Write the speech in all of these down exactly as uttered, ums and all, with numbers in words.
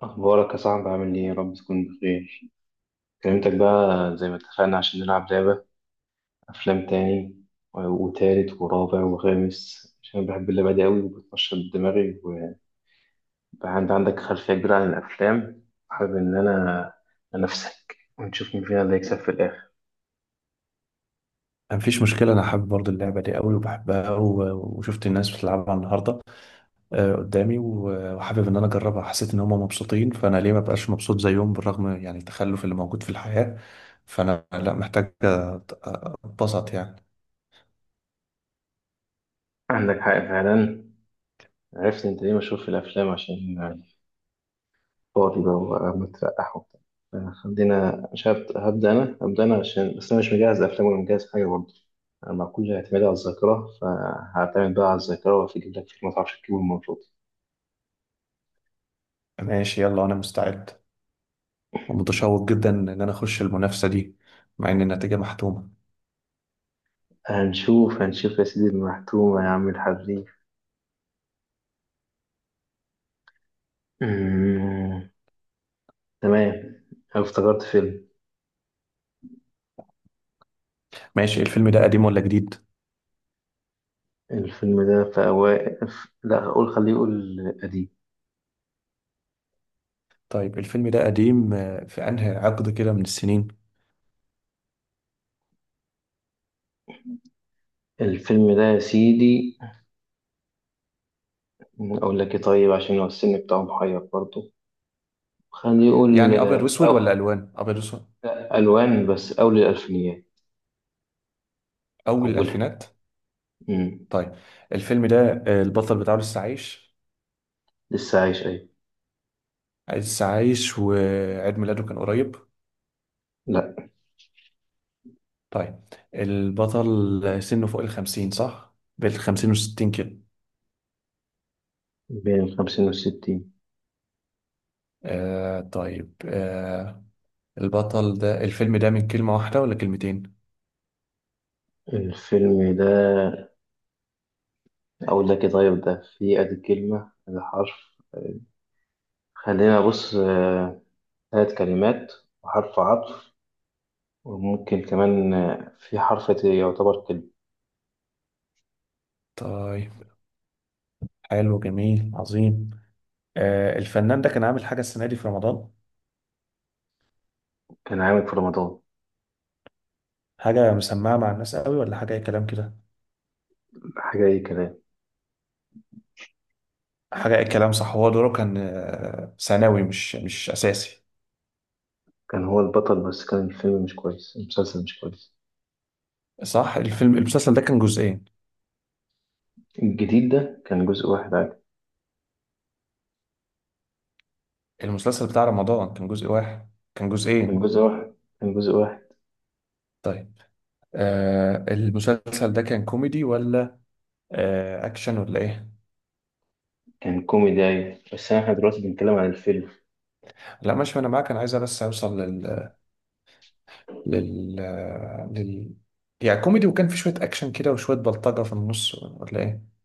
أخبارك يا صاحبي عامل إيه؟ يا رب تكون بخير، كلمتك بقى زي ما اتفقنا عشان نلعب لعبة أفلام تاني و- وتالت ورابع وخامس عشان أنا بحب اللعبة دي أوي وبتنشط دماغي وبقى عندي عندك خلفية كبيرة عن الأفلام. حابب إن أنا أنافسك ونشوف مين فينا اللي هيكسب في الآخر. مفيش مشكلة، أنا حابب برضه اللعبة دي قوي وبحبها و- وشفت الناس بتلعبها النهاردة آه، قدامي و- وحابب إن أنا أجربها. حسيت إن هما مبسوطين فأنا ليه مبقاش مبسوط زيهم، بالرغم يعني التخلف اللي موجود في الحياة. فأنا لا محتاج أت- أتبسط يعني. عندك حق فعلا، عرفت أنت ليه مشهور في الأفلام؟ عشان فاضي بقى وقاعد مترقح وبتاع. آه، خلينا، مش هبت- هبدأ أنا، هبدأ أنا عشان بس أنا مش مجهز أفلام ولا مجهز حاجة برضه. أنا مع كل اعتمادي على الذاكرة فهعتمد بقى على الذاكرة وهجيب لك فيلم ما تعرفش تجيبه المفروض. ماشي يلا، أنا مستعد ومتشوق جدا إن أنا أخش المنافسة دي، مع إن النتيجة محتومة. هنشوف هنشوف يا سيدي المحتومة يا عم الحريف. أمم، تمام. أنا افتكرت فيلم. ماشي، الفيلم ده قديم ولا جديد؟ الفيلم ده في أوائل، لا أقول خليه يقول قديم. طيب الفيلم ده قديم، آه، في أنهي عقد كده من السنين؟ الفيلم ده يا سيدي، أقول لك إيه طيب، عشان هو السن بتاعه محير برضه. خليه يقول. يعني أبيض وأسود أو ولا ألوان؟ أبيض وأسود. ألوان بس أول الألفينيات. أول أولها. الألفينات. مم. طيب الفيلم ده آه، البطل بتاعه لسه عايش؟ لسه عايش أيوة. لسه عايش وعيد ميلاده كان قريب؟ لأ. طيب، البطل سنه فوق الخمسين صح؟ بين الخمسين وستين كده. بين الخمسين والستين. آه طيب، آه البطل ده، الفيلم ده من كلمة واحدة ولا كلمتين؟ الفيلم ده، أقول لك إيه طيب، ده فيه أدي كلمة أدي حرف. خلينا بص، آه، تلات كلمات وحرف عطف وممكن كمان آه، في حرف ت- يعتبر كلمة. طيب، حلو جميل عظيم. آه الفنان ده كان عامل حاجة السنة دي في رمضان؟ كان عامل في رمضان حاجة مسمعة مع الناس قوي ولا حاجة أي كلام كده؟ حاجة أي كلام. حاجة أي كلام، صح. هو دوره كان آه، ثانوي، مش مش أساسي؟ كان هو البطل بس كان الفيلم مش كويس، المسلسل مش كويس. صح، الفيلم، المسلسل ده كان جزئين؟ الجديد ده كان جزء واحد عادي. المسلسل بتاع رمضان كان جزء واحد كان كان جزئين؟ جزء واحد. كان جزء واحد. طيب آه، المسلسل ده كان كوميدي ولا آه اكشن ولا ايه؟ كان كوميدي أيوة، بس احنا دلوقتي بنتكلم عن الفيلم. لا ماشي انا معاك، انا عايز بس اوصل لل، لل، لل، يعني كوميدي وكان في شوية اكشن كده وشوية بلطجة في النص ولا ايه؟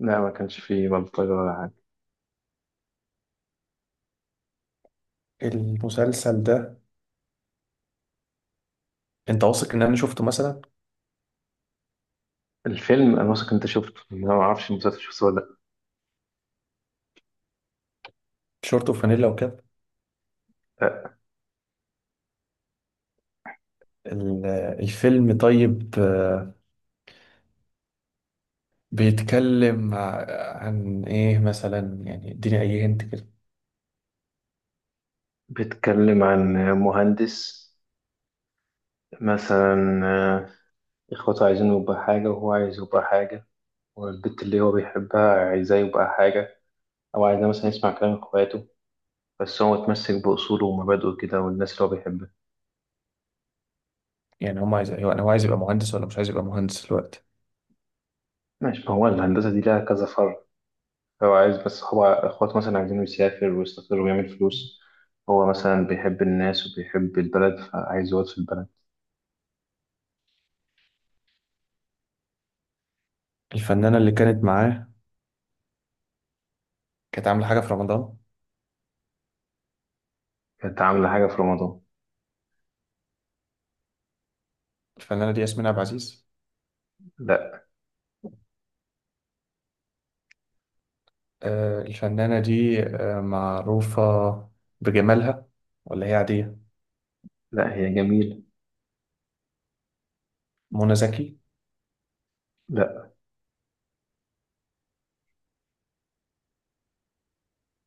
لا، ما كانش فيه بلطجة ولا حاجة. المسلسل ده، انت واثق ان انا شفته مثلا؟ الفيلم أنا واثق أنت شفته، أنا ما أعرفش المسلسل شفته ولا شورت وفانيلا وكاب. لأ. أه، ال- الفيلم طيب آه، بيتكلم ع- عن ايه مثلا، يعني اديني اي هنت. بيتكلم عن مهندس مثلا. أه، إخواته عايزين يبقى حاجة وهو عايز يبقى حاجة. والبنت اللي هو بيحبها عايزاه يبقى حاجة، أو عايزاه مثلا يسمع كلام إخواته، بس هو متمسك بأصوله ومبادئه كده والناس اللي هو بيحبها. يعني هو عايز، أيوة، هو عايز يبقى مهندس ولا مش عايز يبقى مهندس دلوقتي؟ ماشي، ما هو الهندسة دي لها كذا فرع. هو عايز، بس هو اخواته مثلا عايزينه يسافر ويستقر ويعمل فلوس. هو مثلا بيحب الناس وبيحب البلد فعايز يقعد في البلد. الفنانة اللي كانت معاه كانت عاملة حاجة في رمضان؟ كانت عاملة حاجة في رمضان. الفنانة دي ياسمين عبد العزيز؟ لا. آه، الفنانة دي آه، معروفة بجمالها ولا هي عادية؟ لا، هي جميلة. منى زكي؟ لا.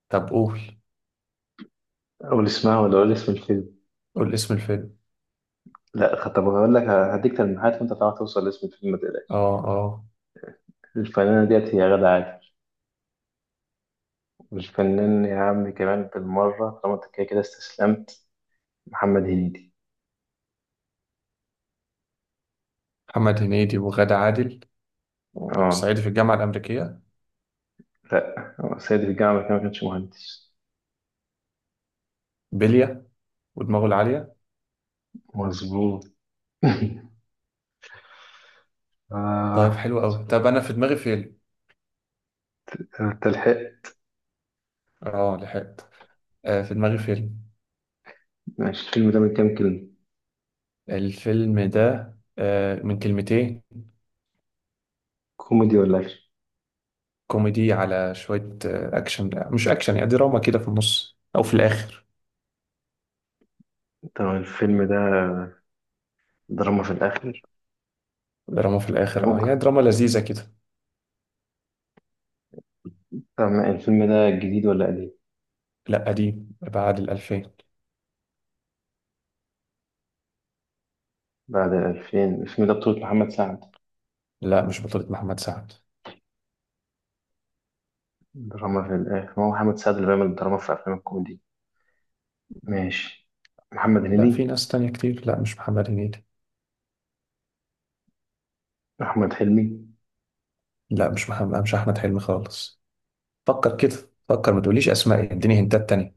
طب قول، قول اسمها ولا قول اسم الفيلم. قول اسم الفيلم. لا طب هقول لك، هديك تلميحات وانت تعرف توصل لاسم الفيلم، ما تقلقش. اه، اه. الفنانة ديت هي غادة عادل. والفنان يا عم كمان بالمرة طالما انت كده كده استسلمت، محمد هنيدي. محمد هنيدي وغادة عادل، اه. وصعيدي في الجامعة الأمريكية، لا، هو سيد الجامعة كمان، ما كانش مهندس. بلية، ودماغه العالية. مظبوط. طيب آه. حلو أوي، طب أنا في دماغي فيلم. انت لحقت؟ اه لحقت. آه، في دماغي فيلم. ماشي، الفيلم ده من كام كلمة؟ الفيلم ده آه، من كلمتين. كوميدي ولا اكشن؟ كوميدي على شوية آه، أكشن. لا، مش أكشن، يعني دراما كده في النص أو في الآخر. طب الفيلم ده دراما في الاخر؟ دراما في الآخر أه، يعني ممكن. دراما لذيذة كده. طب الفيلم ده جديد ولا قديم؟ لا قديم، بعد الألفين. بعد الألفين؟ الفيلم ده بطولة محمد سعد. لا مش بطولة محمد سعد. دراما في الاخر، ما هو محمد سعد اللي بيعمل دراما في افلام الكوميدي. ماشي. محمد لا في هنيدي؟ ناس تانية كتير، لا مش محمد هنيدي. احمد حلمي؟ لا مش محمد مش أحمد حلمي خالص. فكر كده، فكر، ما تقوليش أسماء، اديني هنتات تانية.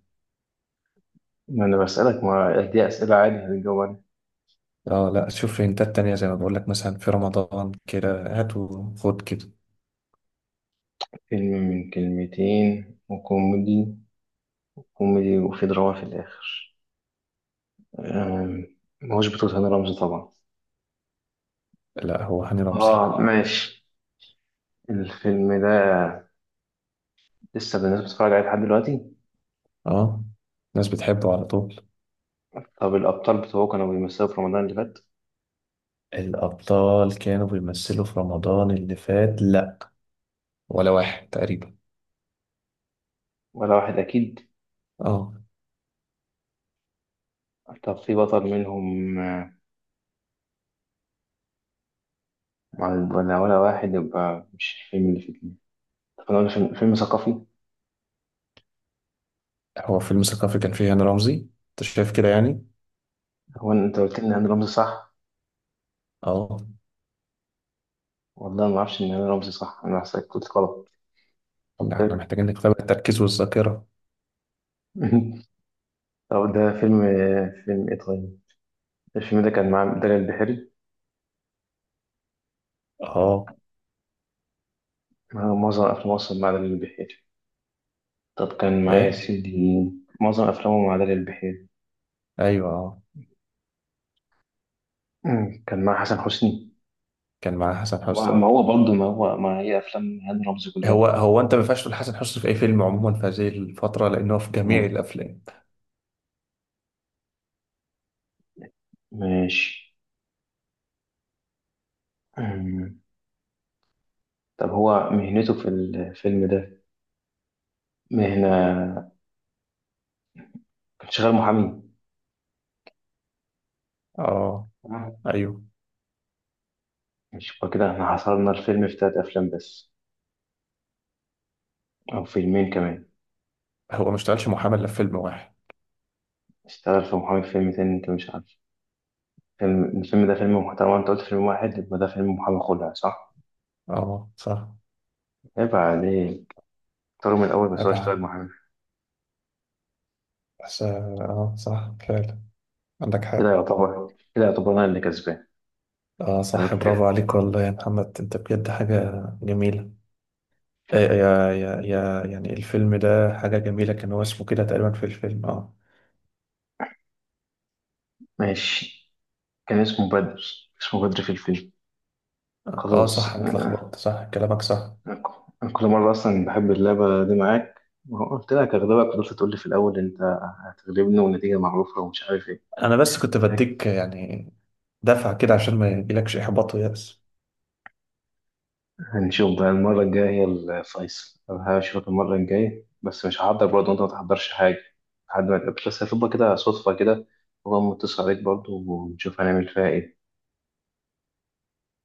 ما انا بسألك، ما دي أسئلة عادي هتجاوب عليها. اه لا شوف، هنتات تانية زي ما بقول لك، مثلا في رمضان كده، هات وخد كده. فيلم من كلمتين وكوميدي، كوميدي وفي دراما في الآخر. أم، ما هوش بطولة هاني رمزي طبعا؟ لا هو هاني رمزي. اه ماشي. الفيلم ده لسه الناس بتتفرج عليه لحد دلوقتي؟ اه، الناس بتحبه على طول. طب الأبطال بتوعه كانوا بيمثلوا في رمضان اللي فات؟ الأبطال كانوا بيمثلوا في رمضان اللي فات، ولا واحد تقريبا. ولا واحد أكيد؟ اه. طب في بطل منهم آه، ولا ولا واحد؟ يبقى مش الفيلم اللي فاتني. طب أنا أقول فيلم، فيلم ثقافي؟ هو فيلم ثقافي كان فيه هاني رمزي، انت شايف كده يعني؟ هو أنت قلت لي إن هاني رمزي صح؟ اه. والله ما أعرفش إن هاني رمزي صح، أنا حسيت كنت غلط. طب لا، احنا حلو. محتاجين نختبر التركيز والذاكرة. طب ده فيلم، آه، فيلم إيه طيب؟ الفيلم ده كان مع دلال البحيري. اه. آه، معظم أفلام مصر مع دلال البحيري. طب كان معايا يا ايه؟ سيدي، معظم أفلامه مع دلال البحيري. ايوه. اه، مم. كان مع حسن حسني. كان معاه حسن ما حسني. ما هو برضه، ما هو ما هي أفلام هاني رمزي كلها هو كده. هو انت ما ينفعش تقول حسن حسني في اي فيلم عموما في هذه الفترة، لانه في جميع مم. الافلام. ماشي. مم. طب هو مهنته في الفيلم ده، مهنة، كان شغال محامي؟ اه. تمام؟ ايوه. مش يبقى كده احنا حصرنا الفيلم في تلات أفلام بس، أو فيلمين كمان. هو ما اشتغلش محامي الا في فيلم واحد. اشتغل في محامي في فيلم تاني أنت مش عارف. فيلم الفيلم ده فيلم محترم، أنت قلت فيلم واحد، يبقى ده فيلم محامي خلع صح؟ اه صح. عيب عليك. اختاروا من الأول، بس هو اشتغل ابعد. محامي. بس اه، آه. صح فعلا، عندك حق. كده يعتبر، كده يعتبر أنا اللي كسبان. اه صح، برافو غلبتك. عليك، والله يا محمد انت بجد حاجة جميلة. آه، يا يا يا يعني الفيلم ده حاجة جميلة، كان هو اسمه كده تقريبا في الفيلم، اه. ماشي، كان اسمه بدر. اسمه بدر في الفيلم. اه صح، خلاص. انا اتلخبطت، صح كلامك صح. أنا كل مرة أصلا بحب اللعبة دي معاك، ما هو قلت لك هغلبك فضلت تقول لي في الأول أنت هتغلبني والنتيجة معروفة ومش عارف إيه. انا بس كنت بديك يعني دفعة كده عشان ما يجيلكش احباط ويأس. هنشوف بقى المرة الجاية هي الفيصل. أنا هشوفك المرة الجاية بس مش هحضر برضه وأنت ما تحضرش حاجة لحد ما تقابل، بس هتبقى كده صدفة كده، وأقوم متصل عليك برضه ونشوف هنعمل فيها إيه.